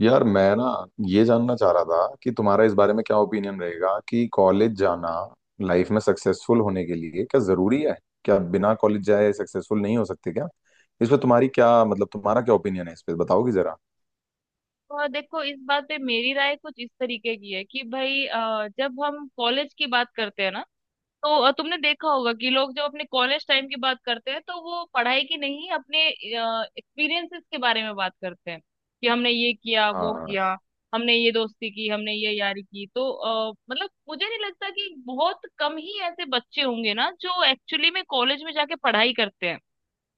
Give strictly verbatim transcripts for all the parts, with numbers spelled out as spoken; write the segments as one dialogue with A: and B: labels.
A: यार मैं ना ये जानना चाह रहा था कि तुम्हारा इस बारे में क्या ओपिनियन रहेगा कि कॉलेज जाना लाइफ में सक्सेसफुल होने के लिए क्या जरूरी है। क्या बिना कॉलेज जाए सक्सेसफुल नहीं हो सकते क्या? इस पे तुम्हारी क्या मतलब तुम्हारा क्या ओपिनियन है इस पे बताओगी जरा।
B: तो देखो, इस बात पे मेरी राय कुछ इस तरीके की है कि भाई अ, जब हम कॉलेज की बात करते हैं ना। तो अ, तुमने देखा होगा कि लोग जब अपने कॉलेज टाइम की बात करते हैं तो वो पढ़ाई की नहीं, अपने एक्सपीरियंसेस के बारे में बात करते हैं कि हमने ये किया वो
A: हाँ।
B: किया, हमने ये दोस्ती की, हमने ये यारी की। तो अ, मतलब मुझे नहीं लगता, कि बहुत कम ही ऐसे बच्चे होंगे ना जो एक्चुअली में कॉलेज में जाके पढ़ाई करते हैं।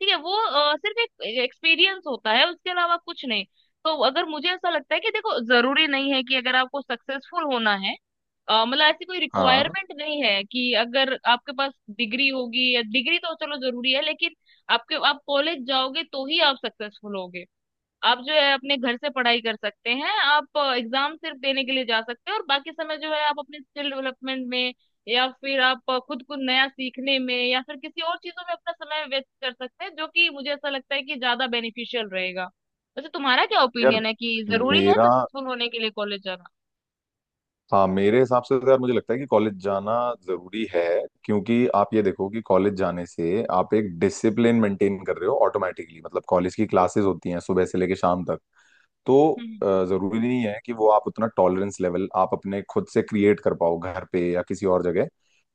B: ठीक है, वो अ, सिर्फ एक एक्सपीरियंस होता है, उसके अलावा कुछ नहीं। तो अगर मुझे ऐसा लगता है कि देखो जरूरी नहीं है कि अगर आपको सक्सेसफुल होना है अ, मतलब ऐसी कोई
A: हाँ,
B: रिक्वायरमेंट नहीं है कि अगर आपके पास डिग्री होगी। या डिग्री तो चलो जरूरी है, लेकिन आपके आप कॉलेज जाओगे तो ही आप सक्सेसफुल होगे। आप जो है अपने घर से पढ़ाई कर सकते हैं, आप एग्जाम सिर्फ देने के लिए जा सकते हैं और बाकी समय जो है आप अपने स्किल डेवलपमेंट में या फिर आप खुद को नया सीखने में या फिर किसी और चीजों में अपना समय व्यस्त कर सकते हैं, जो कि मुझे ऐसा लगता है कि ज्यादा बेनिफिशियल रहेगा। वैसे तुम्हारा क्या
A: यार
B: ओपिनियन है कि जरूरी है
A: मेरा
B: सक्सेसफुल होने के लिए कॉलेज जाना?
A: हाँ मेरे हिसाब से तो यार मुझे लगता है कि कॉलेज जाना जरूरी है। क्योंकि आप ये देखो कि कॉलेज जाने से आप एक डिसिप्लिन मेंटेन कर रहे हो ऑटोमेटिकली। मतलब कॉलेज की क्लासेस होती हैं सुबह से लेकर शाम तक। तो अ,
B: हम्म।
A: जरूरी नहीं है कि वो आप उतना टॉलरेंस लेवल आप अपने खुद से क्रिएट कर पाओ घर पे या किसी और जगह।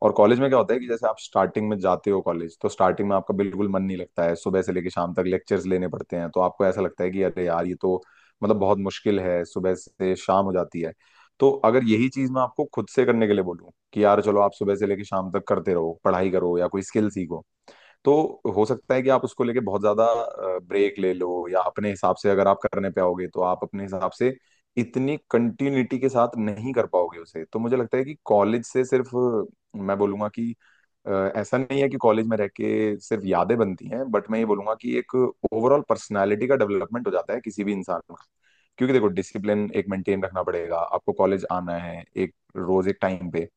A: और कॉलेज में क्या होता है कि जैसे आप स्टार्टिंग में जाते हो कॉलेज, तो स्टार्टिंग में आपका बिल्कुल मन नहीं लगता है, सुबह से लेकर शाम तक लेक्चर्स लेने पड़ते हैं, तो आपको ऐसा लगता है कि अरे यार ये तो मतलब बहुत मुश्किल है, सुबह से शाम हो जाती है। तो अगर यही चीज मैं आपको खुद से करने के लिए बोलूँ कि यार चलो आप सुबह से लेकर शाम तक करते रहो, पढ़ाई करो या कोई स्किल सीखो, तो हो सकता है कि आप उसको लेके बहुत ज्यादा ब्रेक ले लो, या अपने हिसाब से अगर आप करने पे आओगे तो आप अपने हिसाब से इतनी कंटिन्यूटी के साथ नहीं कर पाओगे उसे। तो मुझे लगता है कि कॉलेज से सिर्फ अ, मैं बोलूंगा कि अ, ऐसा नहीं है कि कॉलेज में रह के सिर्फ यादें बनती हैं, बट मैं ये बोलूंगा कि एक ओवरऑल पर्सनालिटी का डेवलपमेंट हो जाता है किसी भी इंसान का। क्योंकि देखो डिसिप्लिन एक मेंटेन रखना पड़ेगा, आपको कॉलेज आना है एक रोज एक टाइम पे,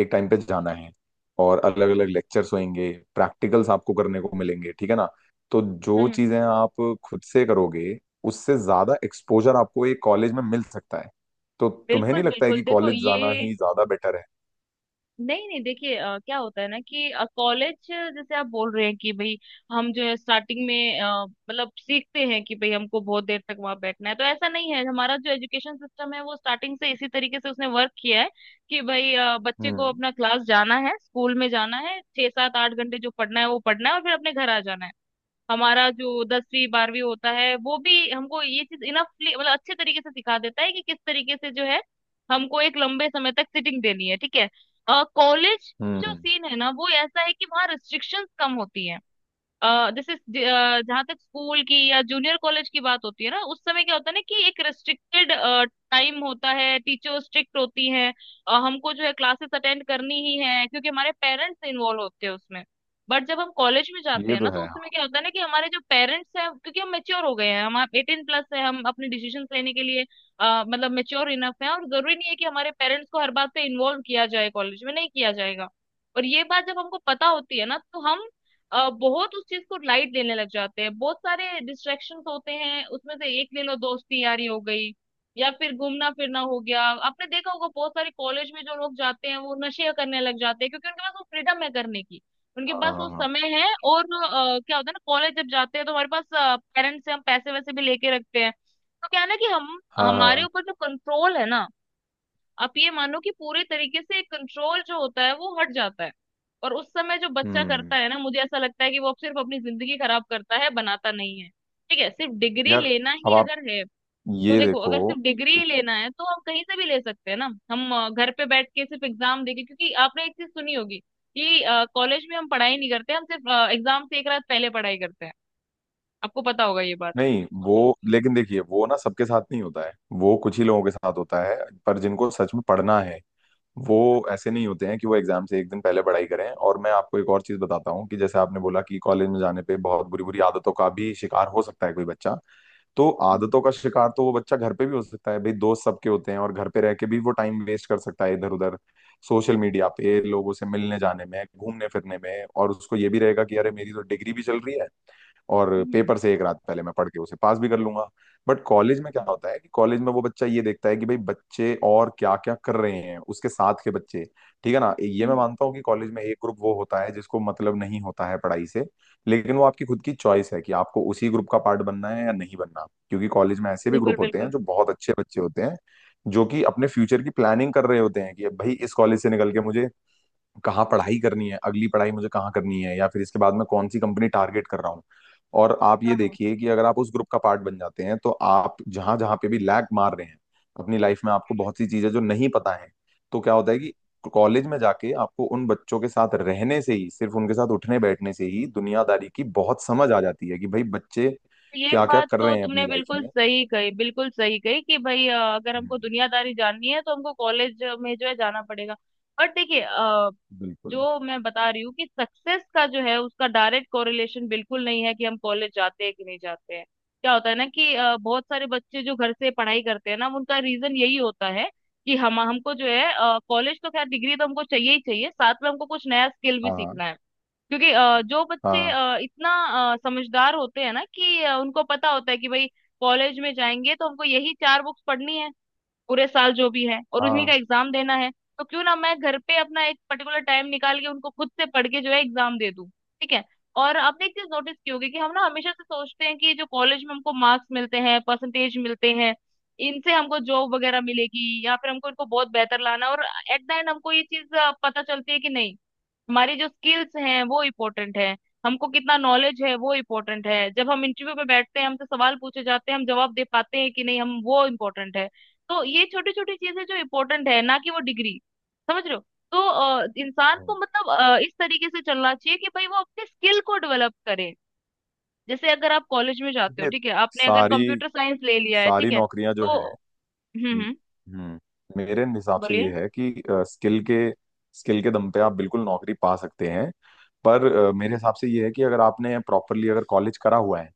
A: एक टाइम पे जाना है, और अलग अलग लेक्चर्स होंगे, प्रैक्टिकल्स आपको करने को मिलेंगे, ठीक है ना? तो जो
B: हम्म।
A: चीजें आप खुद से करोगे, उससे ज्यादा एक्सपोजर आपको एक कॉलेज में मिल सकता है। तो तुम्हें
B: बिल्कुल
A: नहीं लगता है
B: बिल्कुल,
A: कि
B: देखो
A: कॉलेज जाना
B: ये।
A: ही ज्यादा बेटर है?
B: नहीं नहीं, देखिए अ, क्या होता है ना कि कॉलेज जैसे आप बोल रहे हैं कि भाई हम जो है स्टार्टिंग में अ, मतलब सीखते हैं कि भाई हमको बहुत देर तक वहां बैठना है, तो ऐसा नहीं है। हमारा जो एजुकेशन सिस्टम है वो स्टार्टिंग से इसी तरीके से उसने वर्क किया है कि भाई अ, बच्चे को
A: हम्म।
B: अपना क्लास जाना है, स्कूल में जाना है, छह सात आठ घंटे जो पढ़ना है वो पढ़ना है और फिर अपने घर आ जाना है। हमारा जो दसवीं बारहवीं होता है वो भी हमको ये चीज इनफली मतलब अच्छे तरीके से सिखा देता है कि किस तरीके से जो है हमको एक लंबे समय तक सिटिंग देनी है। ठीक है। कॉलेज जो
A: हम्म।
B: सीन है ना वो ऐसा है कि वहाँ रिस्ट्रिक्शंस कम होती है। अ, जैसे जहां तक स्कूल की या जूनियर कॉलेज की बात होती है ना उस समय क्या होता है ना कि एक रेस्ट्रिक्टेड टाइम होता है, टीचर स्ट्रिक्ट होती हैं। अ, हमको जो है क्लासेस अटेंड करनी ही है, क्योंकि हमारे पेरेंट्स इन्वॉल्व होते हैं उसमें। बट जब हम कॉलेज में जाते
A: ये
B: हैं
A: तो
B: ना तो
A: है।
B: उस समय क्या होता है ना कि हमारे जो पेरेंट्स हैं, क्योंकि हम मेच्योर हो गए हैं, हम एटीन प्लस है, हम अपने डिसीजन लेने के लिए अ, मतलब मेच्योर इनफ है, और जरूरी नहीं है कि हमारे पेरेंट्स को हर बात पे इन्वॉल्व किया जाए, कॉलेज में नहीं किया जाएगा। और ये बात जब हमको पता होती है ना तो हम अ, बहुत उस चीज को लाइट लेने लग जाते हैं। बहुत सारे डिस्ट्रैक्शंस होते हैं, उसमें से एक ले लो दोस्ती यारी हो गई या फिर घूमना फिरना हो गया। आपने देखा होगा बहुत सारे कॉलेज में जो लोग जाते हैं वो नशे करने लग जाते हैं, क्योंकि उनके पास वो फ्रीडम है करने की, उनके पास वो
A: हाँ
B: समय है। और अ, क्या होता है ना कॉलेज जब जाते हैं तो हमारे पास पेरेंट्स से हम पैसे वैसे भी लेके रखते हैं। तो क्या है ना कि हम
A: हाँ।
B: हमारे
A: हाँ।
B: ऊपर जो कंट्रोल है ना, आप ये मानो कि पूरे तरीके से कंट्रोल जो होता है वो हट जाता है। और उस समय जो बच्चा करता
A: हम्म।
B: है ना मुझे ऐसा लगता है कि वो अब सिर्फ अपनी जिंदगी खराब करता है, बनाता नहीं है। ठीक है, सिर्फ डिग्री
A: यार,
B: लेना
A: अब
B: ही
A: आप
B: अगर है तो
A: ये
B: देखो
A: देखो।
B: अगर सिर्फ डिग्री ही लेना है तो हम कहीं से भी ले सकते हैं ना। हम अ, घर पे बैठ के सिर्फ एग्जाम देके, क्योंकि आपने एक चीज सुनी होगी कि कॉलेज में हम पढ़ाई नहीं करते, हम सिर्फ अ, एग्जाम से एक रात पहले पढ़ाई करते हैं। आपको पता होगा ये बात।
A: नहीं वो लेकिन देखिए वो ना सबके साथ नहीं होता है, वो कुछ ही लोगों के साथ होता है। पर जिनको सच में पढ़ना है, वो ऐसे नहीं होते हैं कि वो एग्जाम से एक दिन पहले पढ़ाई करें। और मैं आपको एक और चीज बताता हूँ कि जैसे आपने बोला कि कॉलेज में जाने पे बहुत बुरी बुरी आदतों का भी शिकार हो सकता है कोई बच्चा, तो
B: हम्म।
A: आदतों का शिकार तो वो बच्चा घर पे भी हो सकता है भाई, दोस्त सबके होते हैं, और घर पे रह के भी वो टाइम वेस्ट कर सकता है इधर उधर, सोशल मीडिया पे, लोगों से मिलने जाने में, घूमने फिरने में। और उसको ये भी रहेगा कि अरे मेरी तो डिग्री भी चल रही है और
B: हम्म।
A: पेपर से एक रात पहले मैं पढ़ के उसे पास भी कर लूंगा। बट कॉलेज में क्या होता है कि कॉलेज में वो बच्चा ये देखता है कि भाई बच्चे और क्या क्या कर रहे हैं उसके साथ के बच्चे। ठीक है ना, ये मैं
B: हम्म।
A: मानता हूँ कि कॉलेज में एक ग्रुप वो होता है जिसको मतलब नहीं होता है पढ़ाई से, लेकिन वो आपकी खुद की चॉइस है कि आपको उसी ग्रुप का पार्ट बनना है या नहीं बनना। क्योंकि कॉलेज में ऐसे भी
B: बिल्कुल
A: ग्रुप होते हैं
B: बिल्कुल
A: जो
B: बिल्कुल।
A: बहुत अच्छे बच्चे होते हैं, जो कि अपने फ्यूचर की प्लानिंग कर रहे होते हैं कि भाई इस कॉलेज से निकल के मुझे कहाँ पढ़ाई करनी है, अगली पढ़ाई मुझे कहाँ करनी है, या फिर इसके बाद मैं कौन सी कंपनी टारगेट कर रहा हूँ। और आप ये
B: हाँ हाँ,
A: देखिए कि अगर आप उस ग्रुप का पार्ट बन जाते हैं, तो आप जहां जहां पे भी लैग मार रहे हैं अपनी लाइफ में, आपको बहुत सी चीजें जो नहीं पता है, तो क्या होता है कि कॉलेज में जाके आपको उन बच्चों के साथ रहने से ही, सिर्फ उनके साथ उठने बैठने से ही दुनियादारी की बहुत समझ आ जाती है कि भाई बच्चे
B: ये
A: क्या क्या
B: बात
A: कर
B: तो
A: रहे हैं अपनी
B: तुमने
A: लाइफ
B: बिल्कुल
A: में।
B: सही कही, बिल्कुल सही कही कि भाई अ, अगर हमको
A: हम्म।
B: दुनियादारी जाननी है तो हमको कॉलेज में जो है जाना पड़ेगा। बट देखिए अ,
A: बिल्कुल।
B: जो मैं बता रही हूँ कि सक्सेस का जो है उसका डायरेक्ट कोरिलेशन बिल्कुल नहीं है कि हम कॉलेज जाते हैं कि नहीं जाते हैं। क्या होता है ना कि अ, बहुत सारे बच्चे जो घर से पढ़ाई करते हैं ना उनका रीजन यही होता है कि हम हमको जो है कॉलेज तो खैर, डिग्री तो हमको चाहिए ही चाहिए, साथ में हमको कुछ नया स्किल भी
A: हाँ
B: सीखना है। क्योंकि अ, जो बच्चे
A: हाँ।
B: अ, इतना अ, समझदार होते हैं ना कि अ, उनको पता होता है कि भाई कॉलेज में जाएंगे तो हमको यही चार बुक्स पढ़नी है पूरे साल जो भी है और
A: हाँ
B: उन्हीं का
A: हाँ।
B: एग्जाम देना है। तो क्यों ना मैं घर पे अपना एक पर्टिकुलर टाइम निकाल के उनको खुद से पढ़ के जो है एग्जाम दे दूं। ठीक है। और आपने एक चीज नोटिस की होगी कि हम ना हमेशा से सोचते हैं कि जो कॉलेज में हमको मार्क्स मिलते हैं, परसेंटेज मिलते हैं, इनसे हमको जॉब वगैरह मिलेगी या फिर हमको इनको बहुत बेहतर लाना है। और एट द एंड हमको ये चीज अ, पता चलती है कि नहीं, हमारी जो स्किल्स हैं वो इम्पोर्टेंट है। हमको कितना नॉलेज है वो इम्पोर्टेंट है। जब हम इंटरव्यू में बैठते हैं, हमसे सवाल पूछे जाते हैं, हम जवाब दे पाते हैं कि नहीं, हम वो इम्पोर्टेंट है। तो ये छोटी छोटी चीजें जो इम्पोर्टेंट है ना, कि वो डिग्री, समझ रहे हो? तो अ, इंसान
A: हम्म।
B: को मतलब अ, इस तरीके से चलना चाहिए कि भाई वो अपने स्किल को डेवलप करे। जैसे अगर आप कॉलेज में जाते हो
A: ये
B: ठीक है, आपने अगर
A: सारी
B: कंप्यूटर साइंस ले लिया है ठीक
A: सारी
B: है
A: नौकरियां जो
B: तो
A: हैं।
B: हम्म।
A: हम्म
B: हम्म।
A: हम्म। मेरे हिसाब से
B: बोलिए।
A: ये है कि स्किल के स्किल के दम पे आप बिल्कुल नौकरी पा सकते हैं। पर अ, मेरे हिसाब से ये है कि अगर आपने प्रॉपरली अगर कॉलेज करा हुआ है,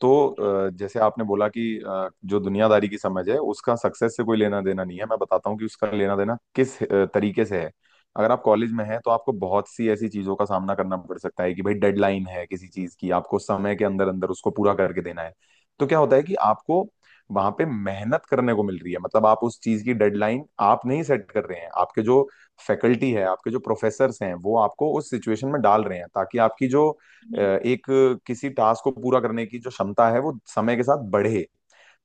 A: तो
B: हम्म।
A: अ, जैसे आपने बोला कि अ, जो दुनियादारी की समझ है उसका सक्सेस से कोई लेना देना नहीं है, मैं बताता हूँ कि उसका लेना देना किस अ, तरीके से है। अगर आप कॉलेज में हैं तो आपको बहुत सी ऐसी चीजों का सामना करना पड़ सकता है कि भाई डेडलाइन है किसी चीज की, आपको समय के अंदर अंदर उसको पूरा करके देना है। तो क्या होता है कि आपको वहां पे मेहनत करने को मिल रही है, मतलब आप उस चीज की डेडलाइन आप नहीं सेट कर रहे हैं, आपके जो फैकल्टी है, आपके जो प्रोफेसर्स हैं, वो आपको उस सिचुएशन में डाल रहे हैं, ताकि आपकी जो अ,
B: हम्म।
A: एक किसी टास्क को पूरा करने की जो क्षमता है वो समय के साथ बढ़े।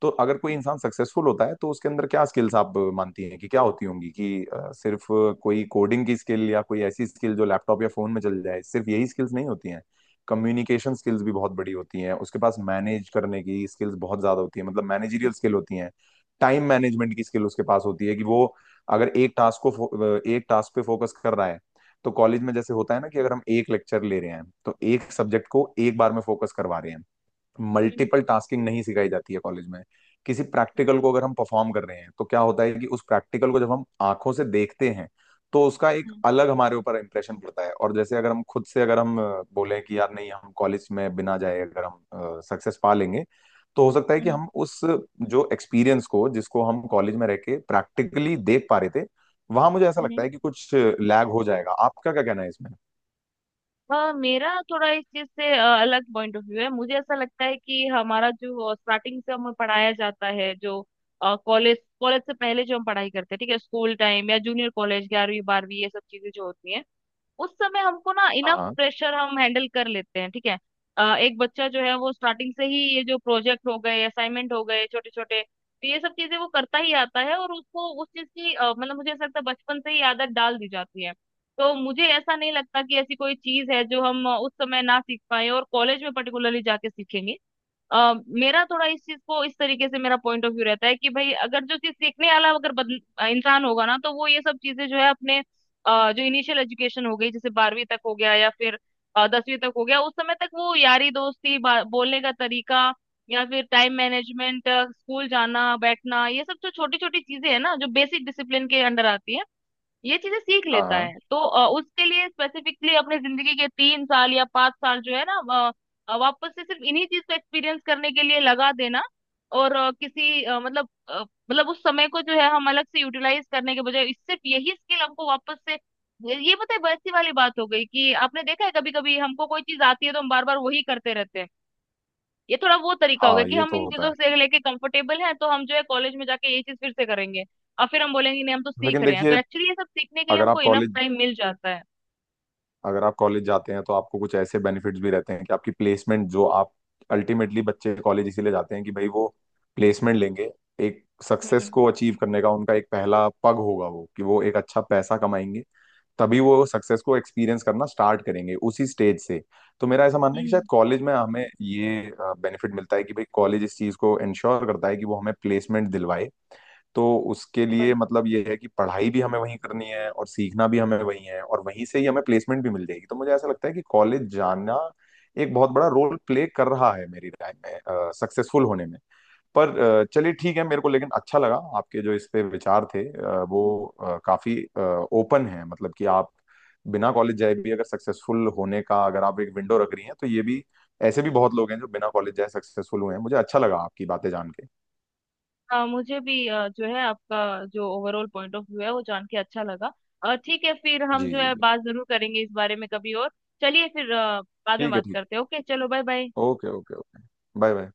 A: तो अगर कोई
B: हम्म।
A: इंसान सक्सेसफुल होता है तो उसके अंदर क्या स्किल्स आप मानती हैं कि क्या होती होंगी? कि अ, सिर्फ कोई कोडिंग की स्किल या कोई ऐसी स्किल जो लैपटॉप या फोन में चल जाए, सिर्फ यही स्किल्स नहीं होती हैं। कम्युनिकेशन स्किल्स भी बहुत बड़ी होती हैं उसके पास, मैनेज करने की स्किल्स बहुत ज्यादा होती है, मतलब मैनेजरियल स्किल होती हैं, टाइम मैनेजमेंट की स्किल उसके पास होती है कि वो अगर एक टास्क को फो- एक टास्क पे फोकस कर रहा है। तो कॉलेज में जैसे होता है ना कि अगर हम एक लेक्चर ले रहे हैं तो एक सब्जेक्ट को एक बार में फोकस करवा रहे हैं,
B: हम्म।
A: मल्टीपल टास्किंग नहीं सिखाई जाती है कॉलेज में। किसी
B: हम्म।
A: प्रैक्टिकल को अगर हम परफॉर्म कर रहे हैं तो क्या होता है कि उस प्रैक्टिकल को जब हम आंखों से देखते हैं, तो उसका एक
B: हम्म।
A: अलग हमारे ऊपर इम्प्रेशन पड़ता है। और जैसे अगर हम खुद से अगर हम अ, बोलें कि यार नहीं, हम कॉलेज में बिना जाए अगर हम सक्सेस पा लेंगे, तो हो सकता है
B: हम्म।
A: कि
B: हम्म।
A: हम उस जो एक्सपीरियंस को, जिसको हम कॉलेज में रह के प्रैक्टिकली देख पा रहे थे, वहां मुझे ऐसा लगता
B: हम्म।
A: है कि कुछ लैग हो जाएगा। आपका क्या कहना है इसमें?
B: हाँ मेरा थोड़ा इस चीज से अ, अलग पॉइंट ऑफ व्यू है। मुझे ऐसा लगता है कि हमारा जो स्टार्टिंग से हमें पढ़ाया जाता है, जो कॉलेज कॉलेज से पहले जो हम पढ़ाई करते हैं, ठीक है, स्कूल टाइम या जूनियर कॉलेज, ग्यारहवीं बारहवीं, ये सब चीजें जो होती हैं उस समय हमको ना इनफ
A: हाँ
B: प्रेशर हम हैंडल कर लेते हैं। ठीक है। अ, एक बच्चा जो है वो स्टार्टिंग से ही ये जो प्रोजेक्ट हो गए, असाइनमेंट हो गए छोटे छोटे, तो ये सब चीजें वो करता ही आता है और उसको उस चीज की अ, मतलब मुझे ऐसा लगता है बचपन से ही आदत डाल दी जाती है। तो मुझे ऐसा नहीं लगता कि ऐसी कोई चीज है जो हम अ, उस समय ना सीख पाए और कॉलेज में पर्टिकुलरली जाके सीखेंगे। अ, मेरा थोड़ा इस चीज को इस तरीके से मेरा पॉइंट ऑफ व्यू रहता है कि भाई अगर जो चीज सीखने वाला अगर बदल, अ, इंसान होगा ना तो वो ये सब चीजें जो है अपने अ, जो इनिशियल एजुकेशन हो गई, जैसे बारहवीं तक हो गया या फिर अ, दसवीं तक हो गया, उस समय तक वो यारी दोस्ती बा- बोलने का तरीका या फिर टाइम मैनेजमेंट, स्कूल जाना बैठना, ये सब जो छोटी छोटी चीजें है ना जो बेसिक डिसिप्लिन के अंडर आती है, ये चीजें सीख
A: हाँ।
B: लेता है।
A: हाँ
B: तो अ, उसके लिए स्पेसिफिकली अपने जिंदगी के तीन साल या पांच साल जो है ना अ, अ, वापस से सिर्फ इन्हीं चीज को एक्सपीरियंस करने के लिए लगा देना। और अ, किसी अ, मतलब अ, मतलब उस समय को जो है हम अलग से यूटिलाइज करने के बजाय, इस- सिर्फ यही स्किल हमको वापस से, ये ये पता है वैसी वाली बात हो गई कि आपने देखा है कभी कभी हमको कोई चीज आती है तो हम बार बार वही करते रहते हैं। ये थोड़ा वो तरीका हो गया
A: हाँ,
B: कि
A: ये
B: हम
A: तो
B: इन
A: होता
B: चीजों
A: है।
B: से लेके कंफर्टेबल हैं तो हम जो है कॉलेज में जाके ये चीज फिर से करेंगे। और फिर हम बोलेंगे नहीं हम तो सीख
A: लेकिन
B: रहे हैं। तो
A: देखिए
B: एक्चुअली ये सब सीखने के लिए
A: अगर आप
B: हमको इनफ
A: कॉलेज
B: टाइम मिल जाता है।
A: अगर आप कॉलेज जाते हैं तो आपको कुछ ऐसे बेनिफिट्स भी रहते हैं कि आपकी प्लेसमेंट जो आप, अल्टीमेटली बच्चे कॉलेज इसीलिए जाते हैं कि भाई वो प्लेसमेंट लेंगे, एक
B: हम्म।
A: सक्सेस
B: हम्म।
A: को अचीव करने का उनका एक पहला पग होगा वो, कि वो एक अच्छा पैसा कमाएंगे, तभी वो सक्सेस को एक्सपीरियंस करना स्टार्ट करेंगे उसी स्टेज से। तो मेरा ऐसा मानना है कि शायद
B: हम्म।
A: कॉलेज में हमें ये बेनिफिट मिलता है कि भाई कॉलेज इस चीज को इंश्योर करता है कि वो हमें प्लेसमेंट दिलवाए। तो उसके
B: बिल्कुल।
A: लिए मतलब ये है कि पढ़ाई भी हमें वहीं करनी है और सीखना भी हमें वहीं है और वहीं से ही हमें प्लेसमेंट भी मिल जाएगी, तो मुझे ऐसा लगता है कि कॉलेज जाना एक बहुत बड़ा रोल प्ले कर रहा है मेरी लाइफ में सक्सेसफुल होने में। पर अ, चलिए ठीक है मेरे को, लेकिन अच्छा लगा आपके जो इस पे विचार थे, अ, वो अ, काफी ओपन है, मतलब कि आप बिना कॉलेज जाए भी अगर सक्सेसफुल होने का अगर आप एक विंडो रख रही हैं, तो ये भी, ऐसे भी बहुत लोग हैं जो बिना कॉलेज जाए सक्सेसफुल हुए हैं। मुझे अच्छा लगा आपकी बातें जान के।
B: हाँ मुझे भी अ, जो है आपका जो ओवरऑल पॉइंट ऑफ व्यू है वो जान के अच्छा लगा। और ठीक है, फिर हम
A: जी
B: जो
A: जी
B: है
A: जी।
B: बात जरूर करेंगे इस बारे में कभी और। चलिए फिर अ, बाद में
A: ठीक है,
B: बात
A: ठीक है।
B: करते हैं। ओके, चलो bye bye.
A: Okay okay okay. Bye bye.